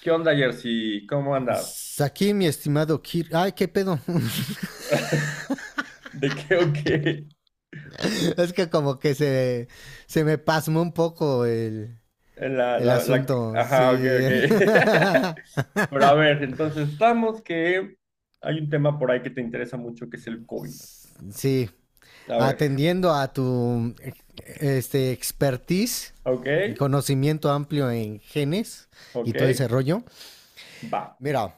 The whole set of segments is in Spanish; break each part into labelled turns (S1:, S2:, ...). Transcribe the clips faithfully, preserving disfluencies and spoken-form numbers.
S1: ¿Qué onda, Jersey? ¿Cómo andas?
S2: Aquí, mi estimado Kir. Ay, qué pedo.
S1: ¿De qué o qué?
S2: es que como que se, se me pasmó un poco el,
S1: La,
S2: el
S1: la, la...
S2: asunto.
S1: Ajá, ok,
S2: Sí.
S1: ok. Pero a ver, entonces estamos que hay un tema por ahí que te interesa mucho que es el COVID.
S2: sí.
S1: A ver,
S2: Atendiendo a tu este, expertise
S1: ok,
S2: y conocimiento amplio en genes y
S1: ok,
S2: todo ese rollo.
S1: va.
S2: Mira,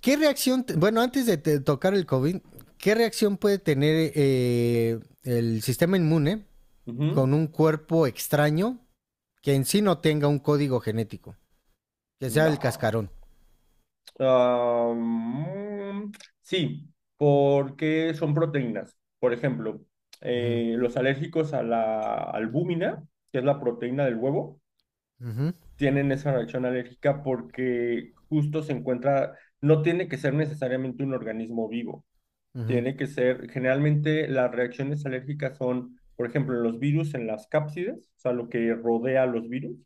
S2: ¿qué reacción? te- Bueno, antes de te- tocar el COVID, ¿qué reacción puede tener eh, el sistema inmune
S1: Ujú.
S2: con un cuerpo extraño que en sí no tenga un código genético, que sea el
S1: No.
S2: cascarón.
S1: Am, sí, porque son proteínas. Por ejemplo,
S2: Ujú,
S1: eh, los alérgicos a la albúmina, que es la proteína del huevo
S2: ujú,
S1: tienen esa reacción alérgica porque justo se encuentra, no tiene que ser necesariamente un organismo vivo,
S2: ujú,
S1: tiene que ser, generalmente las reacciones alérgicas son, por ejemplo, en los virus, en las cápsides, o sea, lo que rodea a los virus,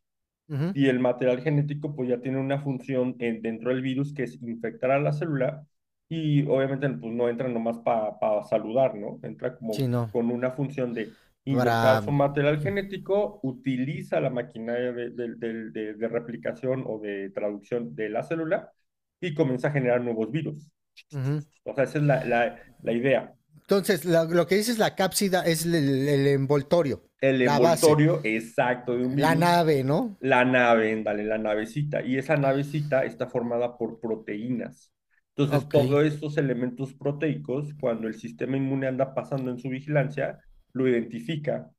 S2: ujú.
S1: y el material genético pues ya tiene una función en- dentro del virus que es infectar a la célula y obviamente pues no entra nomás para pa saludar, ¿no? Entra
S2: Sí,
S1: como
S2: no,
S1: con una función de inyectar
S2: para.
S1: su material genético, utiliza la maquinaria de, de- de- de- de replicación o de traducción de la célula y comienza a generar nuevos virus.
S2: Ujú.
S1: O sea, esa es la, la, la idea.
S2: Entonces, la- lo, que dices la cápsida es el, el- el envoltorio,
S1: El
S2: la base,
S1: envoltorio exacto de un
S2: la
S1: virus.
S2: nave, ¿no?
S1: La nave, ándale, la navecita. Y esa navecita está formada por proteínas. Entonces,
S2: Ok,
S1: todos estos elementos proteicos, cuando el sistema inmune anda pasando en su vigilancia, lo identifica.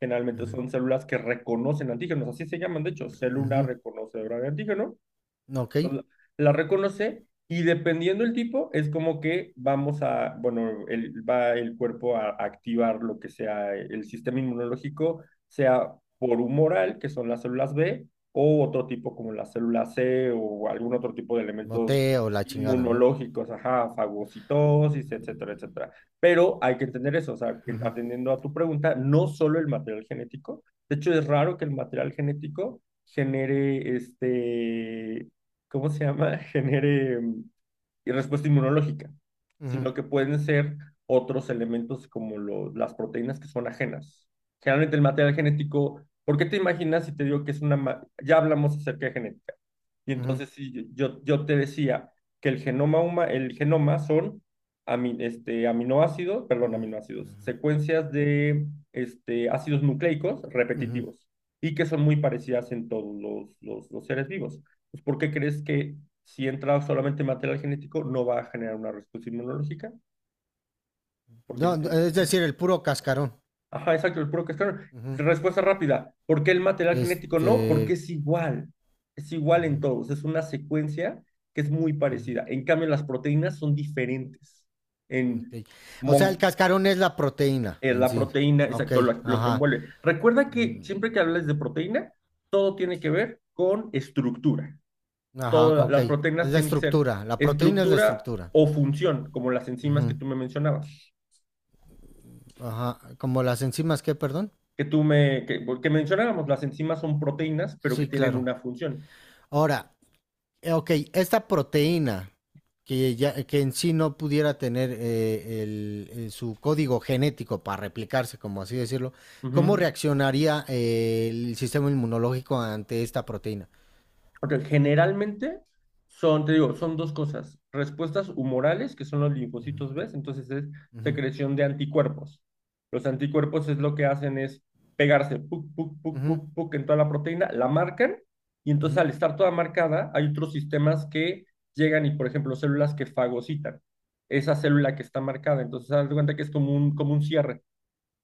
S1: Generalmente son células que reconocen antígenos, así se llaman, de hecho, célula
S2: ujú,
S1: reconocedora de antígeno
S2: ok,
S1: la, la reconoce y dependiendo el tipo, es como que vamos a, bueno, el, va el cuerpo a, a activar lo que sea el sistema inmunológico, sea por humoral, que son las células B, o otro tipo como la célula C o algún otro tipo de elementos
S2: moteo, la chingada, ¿no?
S1: inmunológicos, ajá, fagocitosis, etcétera, etcétera. Pero hay que entender eso, o sea, atendiendo a tu pregunta, no solo el material genético, de hecho es raro que el material genético genere este ¿cómo se llama? Genere mm, respuesta inmunológica,
S2: Ujú,
S1: sino que pueden ser otros elementos como lo- las proteínas que son ajenas. Generalmente el material genético, ¿por qué te imaginas si te digo que es una... ma- Ya hablamos acerca de genética. Y
S2: ujú,
S1: entonces sí, yo, yo te decía que el genoma huma- el genoma son ami- este, aminoácidos, perdón, aminoácidos, secuencias de este, ácidos nucleicos
S2: ujú.
S1: repetitivos y que son muy parecidas en todos los, los, los seres vivos. Pues, ¿por qué crees que si entra solamente material genético no va a generar una respuesta inmunológica? Porque si
S2: No, no,
S1: te...
S2: es decir, el puro cascarón.
S1: Ajá, exacto, el puro cascarón.
S2: Ujú.
S1: Respuesta rápida. ¿Por qué el material genético no? Porque
S2: Este...
S1: es igual. Es igual en
S2: ujú,
S1: todos. Es una secuencia que es muy parecida. En cambio, las proteínas son diferentes.
S2: ujú, ok.
S1: En,
S2: O sea, el
S1: mon-
S2: cascarón es la proteína
S1: en
S2: en
S1: la
S2: sí.
S1: proteína,
S2: Ok,
S1: exacto, lo, lo que
S2: ajá.
S1: envuelve. Recuerda que
S2: Mm.
S1: siempre que hables de proteína, todo tiene que ver con estructura.
S2: Ajá,
S1: Todas
S2: ok.
S1: las
S2: Es
S1: proteínas
S2: la
S1: tienen que ser
S2: estructura. La proteína es la
S1: estructura
S2: estructura.
S1: o función, como las enzimas que
S2: Ujú,
S1: tú me mencionabas.
S2: ajá. Como las enzimas, ¿qué, perdón?
S1: Que tú me, que, que mencionábamos, las enzimas son proteínas, pero que
S2: Sí,
S1: tienen
S2: claro.
S1: una función.
S2: Ahora, eh, ok, esta proteína que, ya, que en sí no pudiera tener eh, el- eh, su código genético para replicarse, como así decirlo, ¿cómo
S1: Ujú.
S2: reaccionaría eh, el sistema inmunológico ante esta proteína?
S1: Ok, generalmente son, te digo, son dos cosas, respuestas humorales, que son los linfocitos B, entonces es
S2: Ujú,
S1: secreción de anticuerpos. Los anticuerpos es lo que hacen es pegarse, puc, puc, puc,
S2: ujú,
S1: puc, puc, en toda la proteína, la marcan, y entonces
S2: ujú,
S1: al estar toda marcada, hay otros sistemas que llegan y, por ejemplo, células que fagocitan esa célula que está marcada. Entonces, haz de cuenta que es como un, como un cierre.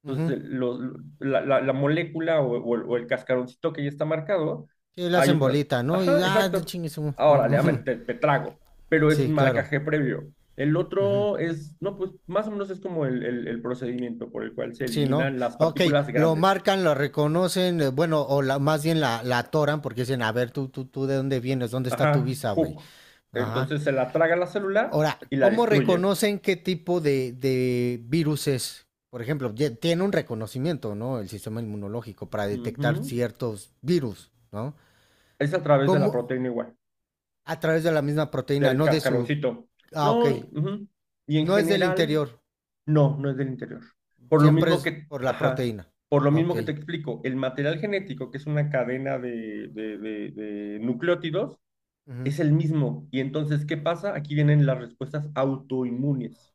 S2: ujú. Ujú.
S1: Entonces, lo- lo- la, la- la molécula o, o el o el cascaroncito que ya está marcado,
S2: Sí, la
S1: hay
S2: hacen
S1: otra.
S2: bolita, ¿no?
S1: Ajá,
S2: Y ah,
S1: exacto.
S2: chingue su-
S1: Ahora, le amen, te, te trago, pero es
S2: Sí,
S1: un
S2: claro.
S1: marcaje previo. El otro es, no, pues más o menos es como el, el- el procedimiento por el cual se
S2: Sí, ¿no?
S1: eliminan las
S2: Ok,
S1: partículas
S2: lo
S1: grandes.
S2: marcan, lo reconocen, eh, bueno, o la, más bien la, la atoran porque dicen, a ver, tú, tú, tú, ¿de dónde vienes? ¿Dónde está tu
S1: Ajá,
S2: visa, güey?
S1: hook.
S2: Ajá.
S1: Entonces se la traga la célula
S2: Ahora,
S1: y la
S2: ¿cómo
S1: destruye.
S2: reconocen qué tipo de, de virus es? Por ejemplo, ye- tiene un reconocimiento, ¿no? El sistema inmunológico para detectar
S1: Ujú.
S2: ciertos virus, ¿no?
S1: Es a través de la
S2: ¿Cómo?
S1: proteína igual,
S2: A través de la misma proteína,
S1: del
S2: no de su.
S1: cascaroncito.
S2: Ah, ok.
S1: No, ujú. Y en
S2: No es del
S1: general.
S2: interior,
S1: No, no es del interior. Por lo
S2: siempre
S1: mismo
S2: es
S1: que,
S2: por la
S1: ajá,
S2: proteína.
S1: por lo
S2: Ah,
S1: mismo
S2: ok.
S1: que te explico, el material genético, que es una cadena de- de- de- de nucleótidos,
S2: Ujú.
S1: es el mismo. Y entonces, ¿qué pasa? Aquí vienen las respuestas autoinmunes.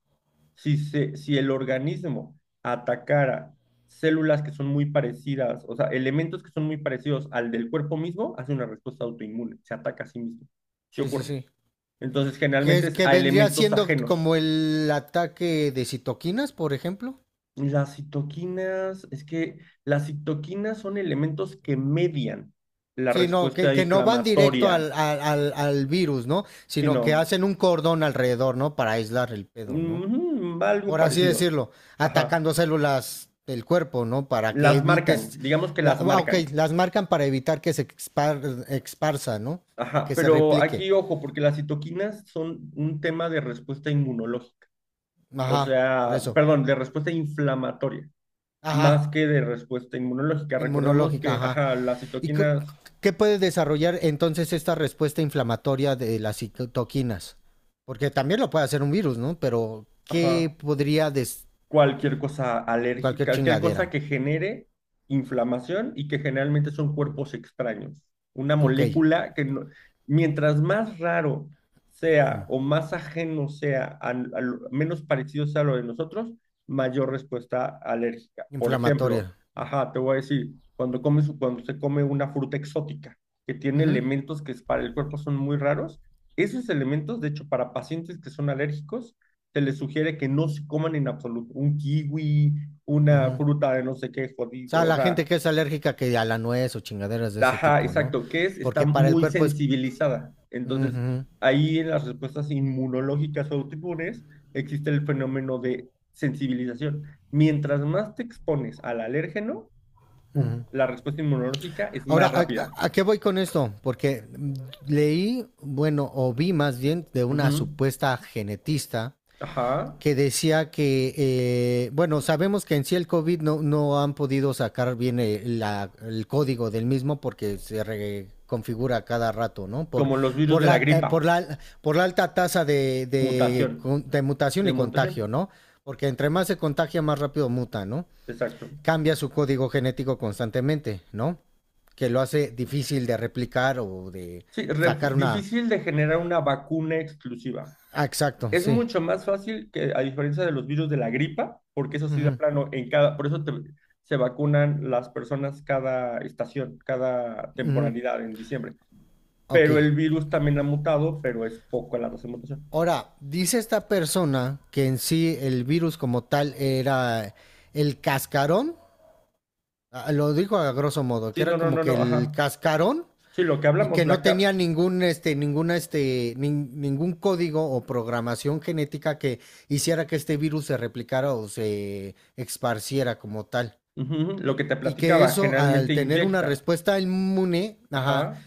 S1: Si, se, si el organismo atacara células que son muy parecidas, o sea, elementos que son muy parecidos al del cuerpo mismo, hace una respuesta autoinmune, se ataca a sí mismo. Sí
S2: Sí, sí,
S1: ocurre.
S2: sí.
S1: Entonces,
S2: Que,
S1: generalmente
S2: es,
S1: es
S2: que
S1: a
S2: vendría
S1: elementos
S2: siendo
S1: ajenos.
S2: como el ataque de citoquinas, por ejemplo.
S1: Las citoquinas, es que las citoquinas son elementos que median la
S2: Sí, no, que,
S1: respuesta
S2: que no van directo
S1: inflamatoria,
S2: al, al, al, al virus, ¿no? Sino que
S1: sino
S2: hacen un cordón alrededor, ¿no? Para aislar el pedo, ¿no?
S1: algo
S2: Por así
S1: parecido.
S2: decirlo,
S1: Ajá,
S2: atacando células del cuerpo, ¿no? Para que
S1: las marcan,
S2: evites.
S1: digamos que
S2: La,
S1: las
S2: ah, ok,
S1: marcan.
S2: las marcan para evitar que se expar, exparsa, ¿no? Para
S1: Ajá,
S2: que se
S1: pero
S2: replique.
S1: aquí ojo, porque las citoquinas son un tema de respuesta inmunológica, o
S2: Ajá, por
S1: sea,
S2: eso.
S1: perdón, de respuesta inflamatoria,
S2: Ajá,
S1: más que de respuesta inmunológica. Recordemos
S2: inmunológica,
S1: que,
S2: ajá.
S1: ajá, las
S2: ¿Y
S1: citoquinas,
S2: qué puede desarrollar entonces esta respuesta inflamatoria de las citoquinas? Porque también lo puede hacer un virus, ¿no? Pero
S1: ajá.
S2: ¿qué podría des...
S1: Cualquier cosa
S2: cualquier
S1: alérgica, cualquier cosa
S2: chingadera?
S1: que genere inflamación y que generalmente son cuerpos extraños. Una
S2: Ok,
S1: molécula que no- Mientras más raro sea
S2: mm.
S1: o más ajeno sea, al- al- menos parecido sea a lo de nosotros, mayor respuesta alérgica. Por ejemplo,
S2: inflamatoria.
S1: ajá, te voy a decir, cuando comes, cuando se come una fruta exótica que
S2: Uh
S1: tiene
S2: -huh.
S1: elementos que es- para el cuerpo son muy raros, esos elementos, de hecho, para pacientes que son alérgicos, se les sugiere que no se coman en absoluto un kiwi,
S2: Uh
S1: una
S2: -huh. O
S1: fruta de no sé qué
S2: sea,
S1: jodido, o
S2: la
S1: sea,
S2: gente que es alérgica que a la nuez o chingaderas de ese
S1: ajá,
S2: tipo, ¿no?
S1: exacto, que es, está
S2: Porque para el
S1: muy
S2: cuerpo es.
S1: sensibilizada.
S2: Uh
S1: Entonces,
S2: -huh.
S1: ahí en las respuestas inmunológicas o autoinmunes existe el fenómeno de sensibilización. Mientras más te expones al alérgeno, la respuesta inmunológica es
S2: Ahora,
S1: más
S2: ¿a, ¿a,
S1: rápida.
S2: a qué voy con esto? Porque mm, leí, bueno, o vi más bien de una
S1: Ujú.
S2: supuesta genetista
S1: Ajá.
S2: que decía que, eh, bueno, sabemos que en sí el COVID no, no han podido sacar bien el, la- el código del mismo porque se reconfigura cada rato, ¿no? Por,
S1: Como los virus
S2: por,
S1: de la
S2: la, eh, por,
S1: gripa,
S2: la, por la alta tasa de, de,
S1: mutación,
S2: con- de mutación
S1: de
S2: y contagio,
S1: mutación,
S2: ¿no? Porque entre más se contagia, más rápido muta, ¿no?
S1: exacto.
S2: Cambia su código genético constantemente, ¿no? Que lo hace difícil de replicar o de
S1: Sí, ref-
S2: sacar una.
S1: difícil de generar una vacuna exclusiva.
S2: Ah, exacto,
S1: Es
S2: sí.
S1: mucho más fácil que, a diferencia de los virus de la gripa, porque eso sí de
S2: Ujú,
S1: plano, en cada, por eso te- se vacunan las personas cada estación, cada
S2: ujú.
S1: temporalidad en diciembre.
S2: Ok.
S1: Pero el virus también ha mutado, pero es poco la tasa de mutación.
S2: Ahora, dice esta persona que en sí el virus como tal era el cascarón, ah, lo dijo a grosso modo, que
S1: Sí, no,
S2: era
S1: no,
S2: como
S1: no,
S2: que
S1: no,
S2: el
S1: ajá.
S2: cascarón
S1: Sí, lo que
S2: y
S1: hablamos,
S2: que no
S1: la
S2: tenía
S1: cap,
S2: ningún este ninguna este nin- ningún código o programación genética que hiciera que este virus se replicara o se esparciera como tal
S1: ujú, ujú, lo que te
S2: y que
S1: platicaba,
S2: eso al
S1: generalmente
S2: tener una
S1: inyecta.
S2: respuesta inmune, ajá,
S1: Ajá.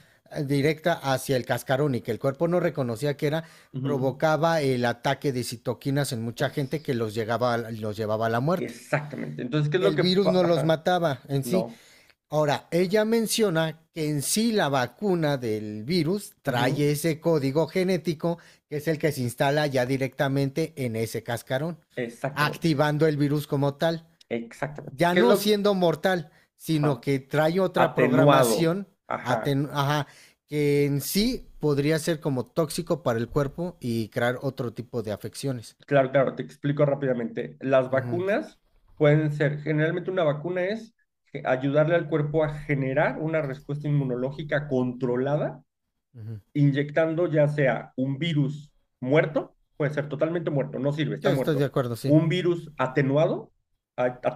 S2: directa hacia el cascarón y que el cuerpo no reconocía que era,
S1: Ujú.
S2: provocaba el ataque de citoquinas en mucha gente
S1: Puf,
S2: que los, llegaba, a- los llevaba a la muerte.
S1: exactamente. Entonces, ¿qué es lo
S2: El
S1: que...
S2: virus
S1: pa-
S2: no los
S1: Ajá.
S2: mataba en sí.
S1: No.
S2: Ahora, ella menciona que en sí la vacuna del virus
S1: Ujú.
S2: trae ese código genético que es el que se instala ya directamente en ese cascarón,
S1: Exactamente.
S2: activando el virus como tal
S1: Exactamente.
S2: ya
S1: ¿Qué es
S2: no
S1: lo...
S2: siendo mortal, sino
S1: ajá,
S2: que trae otra
S1: atenuado?
S2: programación
S1: Ajá.
S2: aten- ajá, que en sí podría ser como tóxico para el cuerpo y crear otro tipo de afecciones.
S1: Claro, claro, te explico rápidamente. Las
S2: Ujú,
S1: vacunas pueden ser, generalmente una vacuna es ge- ayudarle al cuerpo a generar una respuesta inmunológica controlada
S2: ujú.
S1: inyectando ya sea un virus muerto, puede ser totalmente muerto, no sirve,
S2: Sí,
S1: está
S2: estoy de
S1: muerto,
S2: acuerdo, sí.
S1: un virus atenuado,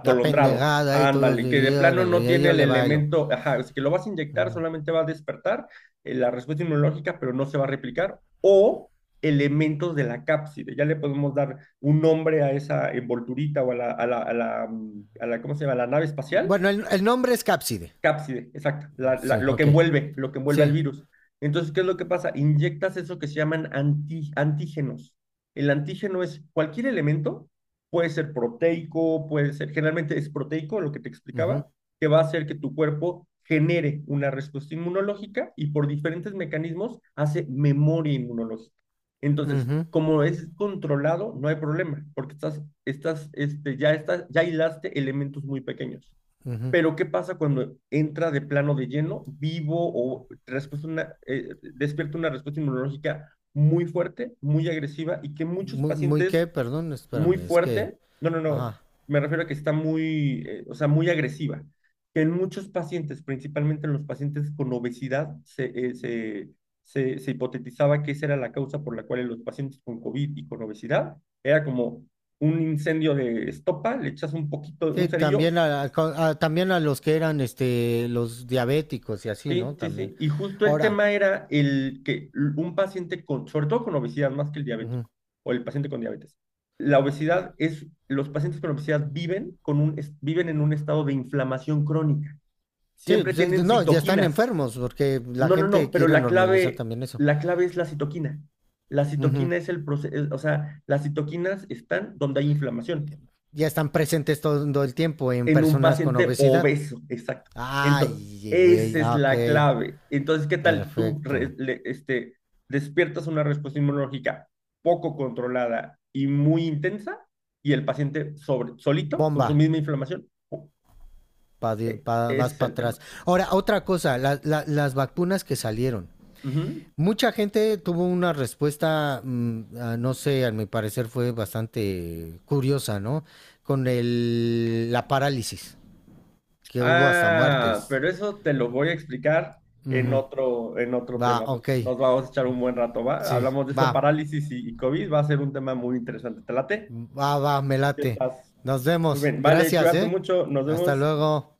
S2: La pendejada y todo,
S1: ándale, que
S2: y
S1: de plano no
S2: órale, yo,
S1: tiene
S2: yo
S1: el
S2: le bailo.
S1: elemento, ajá, es que lo vas a inyectar,
S2: Ujú.
S1: solamente va a despertar eh, la respuesta inmunológica, pero no se va a replicar, o elementos de la cápside, ya le podemos dar un nombre a esa envolturita o a la, a la, a la, mm, a la, ¿cómo se llama?, a la nave espacial
S2: Bueno, el, el nombre es Cápside.
S1: cápside, exacto, la- la-
S2: Sí,
S1: lo que
S2: ok.
S1: envuelve, lo que envuelve al
S2: Sí.
S1: virus. Entonces, ¿qué es lo que pasa? Inyectas eso que se llaman anti- antígenos. El antígeno es cualquier elemento, puede ser proteico, puede ser, generalmente es proteico, lo que te
S2: Ujú,
S1: explicaba, que va a hacer que tu cuerpo genere una respuesta inmunológica y por diferentes mecanismos hace memoria inmunológica. Entonces,
S2: ujú,
S1: como es controlado, no hay problema, porque estás, estás, este, ya estás, ya hilaste elementos muy pequeños.
S2: ujú.
S1: Pero ¿qué pasa cuando entra de plano de lleno, vivo o respuesta una, eh, despierta una respuesta inmunológica muy fuerte, muy agresiva y que muchos
S2: Muy, muy
S1: pacientes
S2: qué, perdón,
S1: muy
S2: espérame, es que.
S1: fuerte, no, no, no,
S2: Ajá.
S1: me refiero a que está muy, eh, o sea, muy agresiva, que en muchos pacientes, principalmente en los pacientes con obesidad, se, eh, se, se, se hipotetizaba que esa era la causa por la cual en los pacientes con COVID y con obesidad era como un incendio de estopa, le echas un poquito, un
S2: Sí,
S1: cerillo.
S2: también a, a- también a los que eran este los diabéticos y así,
S1: Sí,
S2: ¿no?
S1: sí,
S2: También.
S1: sí. Y justo el
S2: Ahora,
S1: tema era el que un paciente con, sobre todo con obesidad, más que el
S2: ujú.
S1: diabético o el paciente con diabetes. La obesidad es, los pacientes con obesidad viven con un, es- viven en un estado de inflamación crónica.
S2: Sí,
S1: Siempre
S2: pues, es-
S1: tienen
S2: no, ya están
S1: citoquinas.
S2: enfermos porque la
S1: No, no,
S2: gente
S1: no, pero
S2: quiere
S1: la
S2: normalizar
S1: clave,
S2: también eso.
S1: la clave es la citoquina. La
S2: Ujú.
S1: citoquina es el proceso, o sea, las citoquinas están donde hay inflamación.
S2: Ya están presentes todo el tiempo en
S1: En un
S2: personas con
S1: paciente
S2: obesidad.
S1: obeso, exacto. Entonces,
S2: Ay, güey,
S1: esa es
S2: ah, ok,
S1: la clave. Entonces, ¿qué tal tú re-
S2: perfecto.
S1: le- este, despiertas una respuesta inmunológica poco controlada y muy intensa y el paciente sobre, solito con
S2: Bomba,
S1: su misma inflamación? Oh,
S2: pa di-
S1: eh,
S2: pa-
S1: ese
S2: vas
S1: es
S2: para
S1: el
S2: atrás.
S1: tema.
S2: Ahora, otra cosa, la- la- las vacunas que salieron.
S1: Ujú.
S2: Mucha gente tuvo una respuesta, mm, a- no sé, a mi parecer fue bastante curiosa, ¿no? Con el, la parálisis, que hubo hasta
S1: Ah,
S2: muertes.
S1: pero eso te lo voy a explicar en
S2: Ujú.
S1: otro, en otro
S2: Va,
S1: tema, porque
S2: ok,
S1: nos vamos a echar un buen rato, ¿va?
S2: sí,
S1: Hablamos de eso,
S2: va,
S1: parálisis y, y COVID, va a ser un tema muy interesante. ¿Te late?
S2: va, va, me
S1: Ya
S2: late.
S1: estás.
S2: Nos
S1: Muy
S2: vemos,
S1: bien, vale,
S2: gracias,
S1: cuídate
S2: ¿eh?
S1: mucho, nos
S2: Hasta
S1: vemos.
S2: luego.